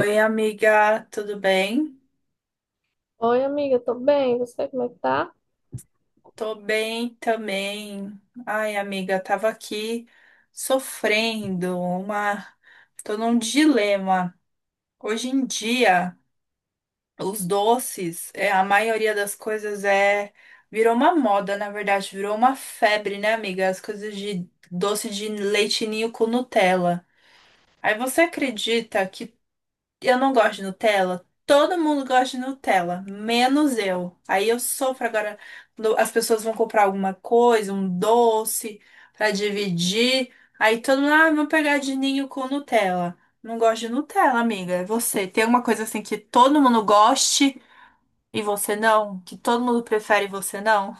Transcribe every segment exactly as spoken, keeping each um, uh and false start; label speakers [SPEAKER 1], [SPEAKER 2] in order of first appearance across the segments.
[SPEAKER 1] Oi, amiga, tudo bem?
[SPEAKER 2] Oi, amiga, tô bem. Você, como é que tá?
[SPEAKER 1] Tô bem também. Ai, amiga, tava aqui sofrendo uma. Tô num dilema. Hoje em dia, os doces, é, a maioria das coisas é. Virou uma moda, na verdade, virou uma febre, né, amiga? As coisas de doce de leite ninho com Nutella. Aí você acredita que eu não gosto de Nutella. Todo mundo gosta de Nutella, menos eu. Aí eu sofro agora. Quando as pessoas vão comprar alguma coisa, um doce pra dividir. Aí todo mundo, ah, vou pegar de ninho com Nutella. Não gosto de Nutella, amiga. É você. Tem alguma coisa assim que todo mundo goste e você não? Que todo mundo prefere e você não?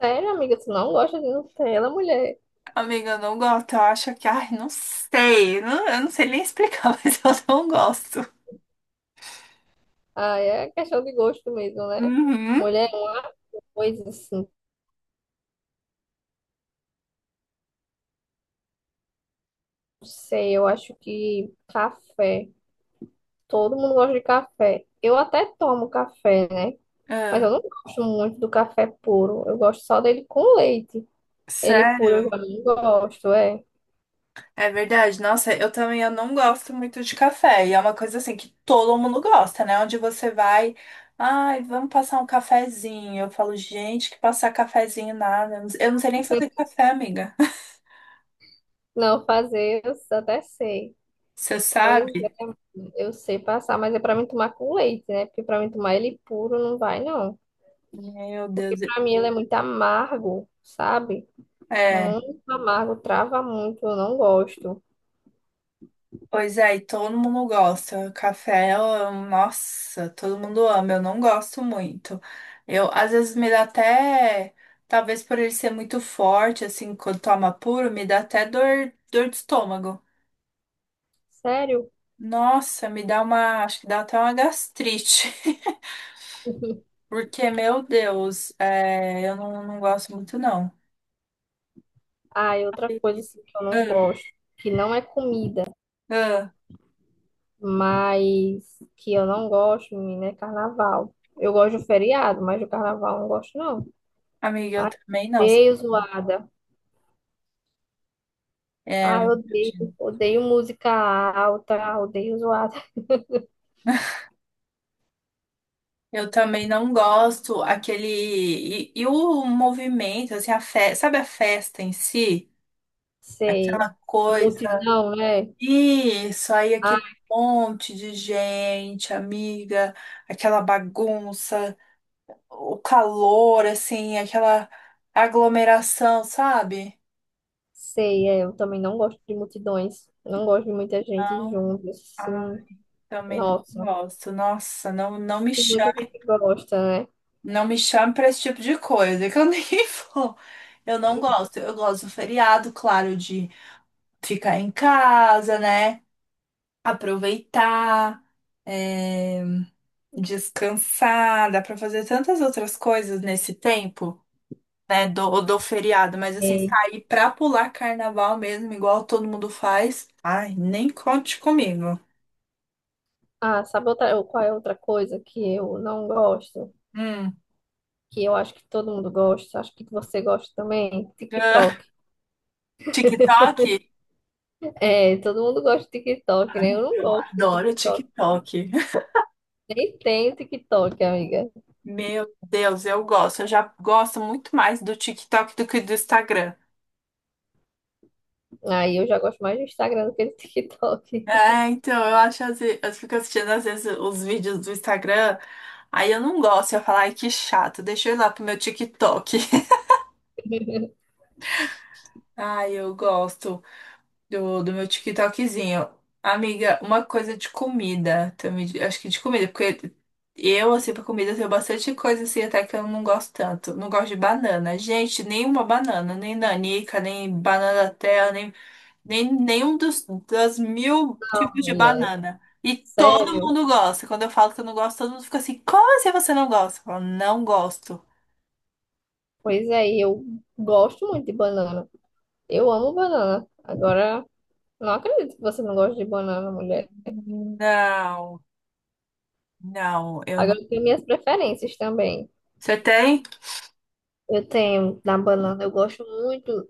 [SPEAKER 2] Sério, amiga, tu não gosta de Nutella, mulher?
[SPEAKER 1] Amiga, eu não gosto. Eu acho que, ai, não sei. Não- eu não sei nem explicar, mas eu não gosto.
[SPEAKER 2] Ah, é questão de gosto mesmo, né?
[SPEAKER 1] Uhum.
[SPEAKER 2] Mulher é uma coisa assim, não sei, eu acho que café. Todo mundo gosta de café. Eu até tomo café, né? Mas eu
[SPEAKER 1] Ah,
[SPEAKER 2] não gosto muito do café puro. Eu gosto só dele com leite. Ele puro eu já
[SPEAKER 1] sério?
[SPEAKER 2] não gosto, é.
[SPEAKER 1] É verdade. Nossa, eu também eu não gosto muito de café. E é uma coisa assim que todo mundo gosta, né? Onde você vai, ai, vamos passar um cafezinho. Eu falo, gente, que passar cafezinho nada. Eu não eu não sei nem fazer café, amiga.
[SPEAKER 2] Não fazer, eu até sei.
[SPEAKER 1] Você
[SPEAKER 2] Pois
[SPEAKER 1] sabe?
[SPEAKER 2] é, eu sei passar, mas é pra mim tomar com leite, né? Porque pra mim tomar ele puro não vai, não.
[SPEAKER 1] Meu
[SPEAKER 2] Porque
[SPEAKER 1] Deus.
[SPEAKER 2] pra mim ele é muito amargo, sabe?
[SPEAKER 1] É.
[SPEAKER 2] Muito amargo, trava muito, eu não gosto.
[SPEAKER 1] Pois é, e todo mundo gosta. Café, eu- nossa, todo mundo ama. Eu não gosto muito. Eu, às vezes, me dá até. Talvez por ele ser muito forte, assim, quando toma puro, me dá até dor, dor de estômago.
[SPEAKER 2] Sério?
[SPEAKER 1] Nossa, me dá uma. Acho que dá até uma gastrite. Porque, meu Deus, é, eu não, não gosto muito, não.
[SPEAKER 2] Ah, e outra coisa
[SPEAKER 1] Entendi.
[SPEAKER 2] assim, que eu não
[SPEAKER 1] Ah,
[SPEAKER 2] gosto, que não é comida,
[SPEAKER 1] ah.
[SPEAKER 2] mas que eu não gosto, menina, é carnaval. Eu gosto do feriado, mas do carnaval eu não gosto, não.
[SPEAKER 1] Amiga, eu
[SPEAKER 2] Ai,
[SPEAKER 1] também não.
[SPEAKER 2] odeio zoada.
[SPEAKER 1] É,
[SPEAKER 2] Ai, odeio,
[SPEAKER 1] imagino.
[SPEAKER 2] odeio música alta, odeio zoada.
[SPEAKER 1] Eu também não gosto aquele. E, e o movimento, assim, a fe... sabe a festa em si?
[SPEAKER 2] Sei.
[SPEAKER 1] Aquela coisa.
[SPEAKER 2] Multidão, né?
[SPEAKER 1] Isso, aí
[SPEAKER 2] Ah,
[SPEAKER 1] aquele monte de gente, amiga, aquela bagunça. O calor, assim, aquela aglomeração, sabe?
[SPEAKER 2] sei, é, eu também não gosto de multidões. Não gosto de muita gente
[SPEAKER 1] Não,
[SPEAKER 2] junto,
[SPEAKER 1] ah,
[SPEAKER 2] assim.
[SPEAKER 1] também não
[SPEAKER 2] Nossa.
[SPEAKER 1] gosto. Nossa, não, não me
[SPEAKER 2] E muita
[SPEAKER 1] chame,
[SPEAKER 2] gente gosta, né?
[SPEAKER 1] não me chame para esse tipo de coisa, que eu nem vou. Eu não gosto. Eu gosto do feriado, claro, de ficar em casa, né? Aproveitar, é, descansar. Dá para fazer tantas outras coisas nesse tempo. Né, do, do feriado, mas assim,
[SPEAKER 2] E-
[SPEAKER 1] sair pra pular carnaval mesmo, igual todo mundo faz, ai, nem conte comigo.
[SPEAKER 2] ah, sabe outra, qual é outra coisa que eu não gosto?
[SPEAKER 1] Hum.
[SPEAKER 2] Que eu acho que todo mundo gosta, acho que você gosta também, TikTok.
[SPEAKER 1] TikTok?
[SPEAKER 2] É, todo mundo gosta de TikTok,
[SPEAKER 1] Ai,
[SPEAKER 2] né? Eu não
[SPEAKER 1] eu
[SPEAKER 2] gosto de
[SPEAKER 1] adoro
[SPEAKER 2] TikTok.
[SPEAKER 1] TikTok.
[SPEAKER 2] Nem tenho TikTok, amiga.
[SPEAKER 1] Meu Deus, eu gosto. Eu já gosto muito mais do TikTok do que do Instagram.
[SPEAKER 2] Aí eu já gosto mais do Instagram do que do TikTok.
[SPEAKER 1] É, então, eu acho às as, eu fico assistindo às vezes os vídeos do Instagram, aí eu não gosto, eu falo, ai, que chato, deixa eu ir lá pro meu TikTok. Ai, eu gosto do, do meu TikTokzinho. Amiga, uma coisa de comida também, de- acho que de comida, porque eu, assim, pra comida eu tenho bastante coisa, assim, até que eu não gosto tanto. Não gosto de banana. Gente, nenhuma banana, nem nanica, nem banana da terra, nem, nem nenhum dos, das mil tipos de
[SPEAKER 2] Mulher,
[SPEAKER 1] banana. E todo
[SPEAKER 2] sério?
[SPEAKER 1] mundo gosta. Quando eu falo que eu não gosto, todo mundo fica assim, como assim você não gosta? Eu falo, não gosto.
[SPEAKER 2] Pois é, e eu gosto muito de banana. Eu amo banana. Agora, não acredito que você não gosta de banana, mulher.
[SPEAKER 1] Não, não, eu não.
[SPEAKER 2] Agora eu tenho minhas preferências também.
[SPEAKER 1] Você tem?
[SPEAKER 2] Eu tenho da banana, eu gosto muito,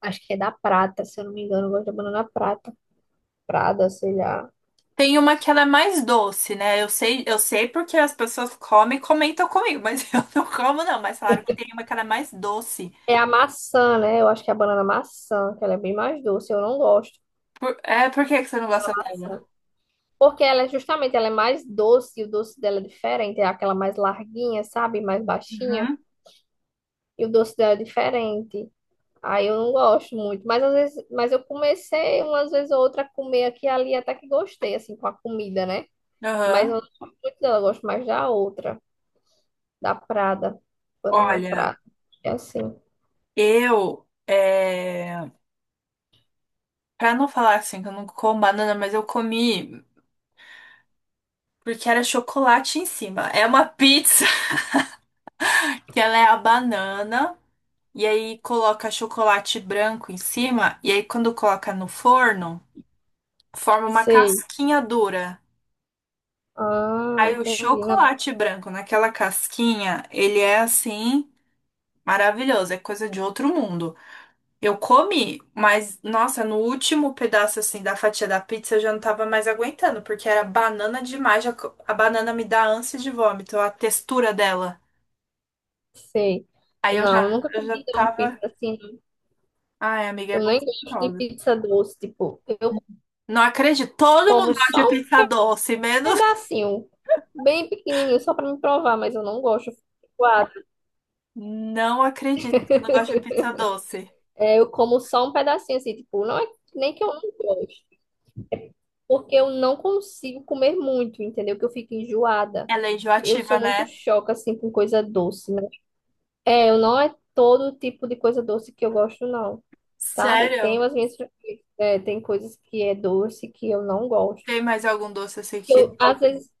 [SPEAKER 2] acho que é da prata, se eu não me engano, eu gosto da banana prata, prada, sei lá.
[SPEAKER 1] Tem uma que ela é mais doce, né? Eu sei, eu sei porque as pessoas comem e comentam comigo, mas eu não como, não. Mas falaram que tem uma que ela é mais doce.
[SPEAKER 2] É a maçã, né? Eu acho que é a banana maçã, que ela é bem mais doce, eu não gosto
[SPEAKER 1] Por- é, por que que você não
[SPEAKER 2] da
[SPEAKER 1] gosta
[SPEAKER 2] maçã.
[SPEAKER 1] dela?
[SPEAKER 2] Porque ela é justamente, ela é mais doce, e o doce dela é diferente, é aquela mais larguinha, sabe? Mais baixinha,
[SPEAKER 1] Uhum.
[SPEAKER 2] e o doce dela é diferente. Aí eu não gosto muito, mas às vezes, mas eu comecei umas vezes ou outra a comer aqui e ali, até que gostei, assim, com a comida, né? Mas eu
[SPEAKER 1] Aham.
[SPEAKER 2] não gosto muito dela, eu gosto mais da outra. Da Prada, banana
[SPEAKER 1] Olha,
[SPEAKER 2] Prada. É assim.
[SPEAKER 1] eu. É... Pra não falar assim que eu não como banana, mas eu comi porque era chocolate em cima. É uma pizza que ela é a banana. E aí coloca chocolate branco em cima. E aí quando coloca no forno, forma uma
[SPEAKER 2] Sei.
[SPEAKER 1] casquinha dura.
[SPEAKER 2] Ah,
[SPEAKER 1] Aí o
[SPEAKER 2] entendi. Não,
[SPEAKER 1] chocolate branco naquela casquinha, ele é assim maravilhoso, é coisa de outro mundo. Eu comi, mas nossa, no último pedaço assim da fatia da pizza eu já não tava mais aguentando, porque era banana demais, já co- a banana me dá ânsia de vômito, a textura dela.
[SPEAKER 2] sei.
[SPEAKER 1] Aí eu já
[SPEAKER 2] Não, nunca
[SPEAKER 1] eu já
[SPEAKER 2] comi não,
[SPEAKER 1] tava,
[SPEAKER 2] pizza assim. Não.
[SPEAKER 1] ai, amiga, é
[SPEAKER 2] Eu nem gosto de
[SPEAKER 1] gostosa.
[SPEAKER 2] pizza doce. Tipo, eu
[SPEAKER 1] Não acredito, todo
[SPEAKER 2] como
[SPEAKER 1] mundo gosta de
[SPEAKER 2] só um
[SPEAKER 1] pizza doce, menos
[SPEAKER 2] pedacinho, bem pequenininho, só pra me provar, mas eu não gosto. Eu fico enjoada.
[SPEAKER 1] não acredito que eu não gosto de pizza doce.
[SPEAKER 2] É, eu como só um pedacinho, assim, tipo, não é nem que eu não gosto, porque eu não consigo comer muito, entendeu? Que eu fico enjoada.
[SPEAKER 1] Ela é
[SPEAKER 2] Eu sou
[SPEAKER 1] enjoativa,
[SPEAKER 2] muito
[SPEAKER 1] né?
[SPEAKER 2] choca, assim, com coisa doce. É, eu não é todo tipo de coisa doce que eu gosto, não. Sabe?
[SPEAKER 1] Sério?
[SPEAKER 2] Tem as minhas, é, tem coisas que é doce que eu não gosto.
[SPEAKER 1] Tem mais algum doce assim que
[SPEAKER 2] Eu, às
[SPEAKER 1] todo...
[SPEAKER 2] vezes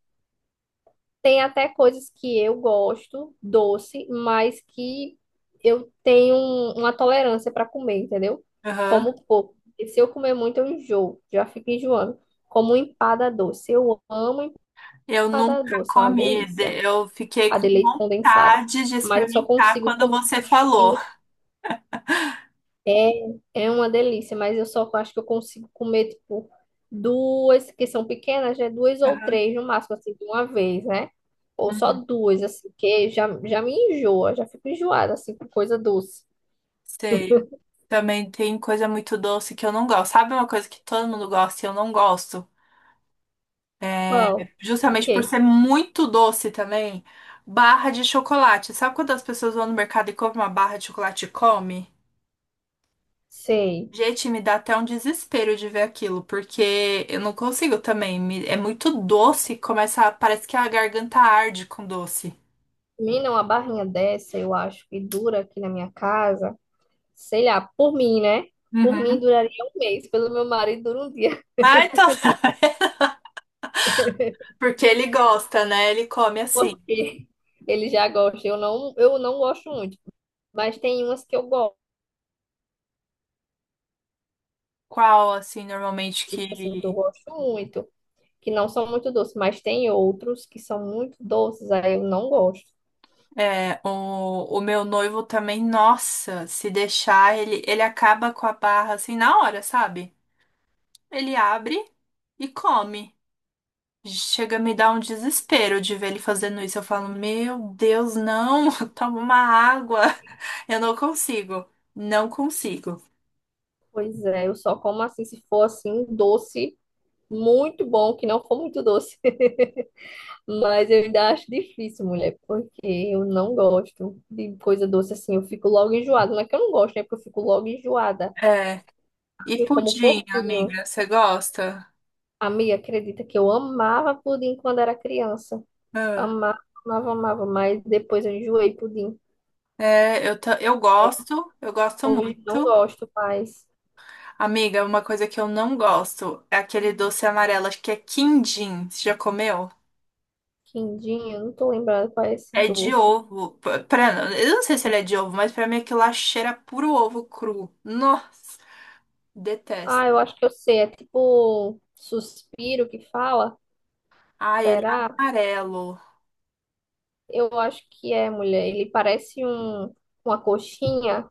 [SPEAKER 2] tem até coisas que eu gosto doce, mas que eu tenho um- uma tolerância para comer, entendeu?
[SPEAKER 1] Aham.
[SPEAKER 2] Como pouco. E se eu comer muito, eu enjoo, já fico enjoando. Como empada doce. Eu amo
[SPEAKER 1] Eu
[SPEAKER 2] empada
[SPEAKER 1] nunca
[SPEAKER 2] doce, é uma
[SPEAKER 1] comi.
[SPEAKER 2] delícia.
[SPEAKER 1] de- Eu fiquei
[SPEAKER 2] A
[SPEAKER 1] com
[SPEAKER 2] de leite condensado.
[SPEAKER 1] vontade de
[SPEAKER 2] Mas eu só
[SPEAKER 1] experimentar
[SPEAKER 2] consigo
[SPEAKER 1] quando
[SPEAKER 2] comer.
[SPEAKER 1] você falou.
[SPEAKER 2] É, é uma delícia, mas eu só acho que eu consigo comer, tipo, duas, que são pequenas, né? Duas ou
[SPEAKER 1] Aham.
[SPEAKER 2] três no máximo, assim, de uma vez, né? Ou só
[SPEAKER 1] Uhum.
[SPEAKER 2] duas, assim, que já, já me enjoa, já fico enjoada, assim, com coisa doce.
[SPEAKER 1] Sei. Também tem coisa muito doce que eu não gosto. Sabe uma coisa que todo mundo gosta e eu não gosto? É,
[SPEAKER 2] Qual? O
[SPEAKER 1] Justamente por
[SPEAKER 2] quê?
[SPEAKER 1] ser muito doce também. Barra de chocolate. Sabe quando as pessoas vão no mercado e compram uma barra de chocolate e come?
[SPEAKER 2] Sei.
[SPEAKER 1] Gente, me dá até um desespero de ver aquilo, porque eu não consigo também. me- É muito doce, começa, a- parece que a garganta arde com doce.
[SPEAKER 2] Menina, uma barrinha dessa, eu acho que dura aqui na minha casa, sei lá, por mim, né? Por mim
[SPEAKER 1] Uhum.
[SPEAKER 2] duraria um mês, pelo meu marido dura um dia,
[SPEAKER 1] Ah, então, porque ele gosta, né? Ele come assim.
[SPEAKER 2] porque ele já gosta. Eu não, eu não gosto muito, mas tem umas que eu gosto.
[SPEAKER 1] Qual, assim, normalmente que
[SPEAKER 2] Específico assim que eu gosto muito, que não são muito doces, mas tem outros que são muito doces, aí eu não gosto.
[SPEAKER 1] é o, o meu noivo também, nossa, se deixar, ele, ele acaba com a barra assim na hora, sabe? Ele abre e come. Chega a me dar um desespero de ver ele fazendo isso. Eu falo, meu Deus, não, toma uma água. Eu não consigo, não consigo.
[SPEAKER 2] Pois é, eu só como assim se for assim um doce muito bom, que não for muito doce. Mas eu ainda acho difícil, mulher, porque eu não gosto de coisa doce assim, eu fico logo enjoada. Não é que eu não gosto, né? Porque eu fico logo enjoada.
[SPEAKER 1] É. E
[SPEAKER 2] Eu como
[SPEAKER 1] pudim,
[SPEAKER 2] pouquinho.
[SPEAKER 1] amiga, você gosta?
[SPEAKER 2] A acredita que eu amava pudim quando era criança.
[SPEAKER 1] Ah,
[SPEAKER 2] Amava, amava, amava, mas depois eu enjoei pudim.
[SPEAKER 1] é, eu, ta- eu gosto, eu gosto
[SPEAKER 2] Hoje não
[SPEAKER 1] muito.
[SPEAKER 2] gosto mais.
[SPEAKER 1] Amiga, uma coisa que eu não gosto é aquele doce amarelo, acho que é quindim. Você já comeu?
[SPEAKER 2] Quindim, eu não tô lembrada qual é esse
[SPEAKER 1] É de
[SPEAKER 2] doce.
[SPEAKER 1] ovo. Pra, pra- eu não sei se ele é de ovo, mas pra mim aquilo lá cheira puro ovo cru. Nossa, detesto.
[SPEAKER 2] Ah, eu acho que eu sei. É tipo suspiro que fala?
[SPEAKER 1] Ai, ele é
[SPEAKER 2] Será?
[SPEAKER 1] amarelo.
[SPEAKER 2] Eu acho que é, mulher. Ele parece um, uma coxinha.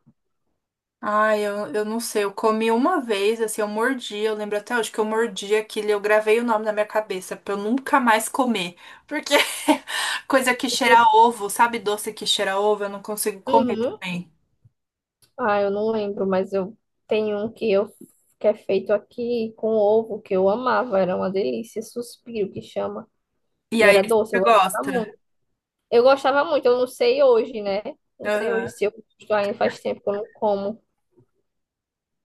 [SPEAKER 1] Ai, eu, eu não sei. Eu comi uma vez, assim, eu mordi. Eu lembro até hoje que eu mordi aquilo. e Eu gravei o nome na minha cabeça pra eu nunca mais comer. Porque coisa que cheira a ovo, sabe? Doce que cheira a ovo, eu não consigo comer
[SPEAKER 2] Uhum.
[SPEAKER 1] também.
[SPEAKER 2] Ah, eu não lembro, mas eu tenho um que eu que é feito aqui com ovo, que eu amava, era uma delícia, suspiro que chama.
[SPEAKER 1] E
[SPEAKER 2] E
[SPEAKER 1] aí,
[SPEAKER 2] era doce, eu
[SPEAKER 1] você
[SPEAKER 2] gostava muito.
[SPEAKER 1] gosta?
[SPEAKER 2] Eu gostava muito, eu não sei hoje, né? Não sei hoje
[SPEAKER 1] Aham.
[SPEAKER 2] se eu gosto ainda faz tempo que eu não como.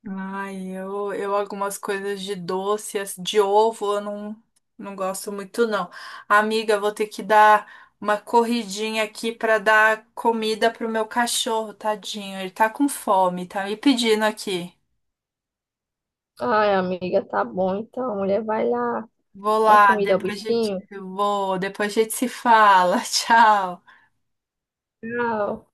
[SPEAKER 1] Ai, eu, eu algumas coisas de doce, as- de ovo, eu não, não gosto muito, não. Amiga, vou ter que dar uma corridinha aqui pra dar comida pro meu cachorro, tadinho. Ele tá com fome, tá me pedindo aqui.
[SPEAKER 2] Ai, amiga, tá bom. Então, a mulher vai lá
[SPEAKER 1] Vou
[SPEAKER 2] dar
[SPEAKER 1] lá,
[SPEAKER 2] comida ao
[SPEAKER 1] depois a gente,
[SPEAKER 2] bichinho.
[SPEAKER 1] vou, depois a gente se fala. Tchau.
[SPEAKER 2] Tchau.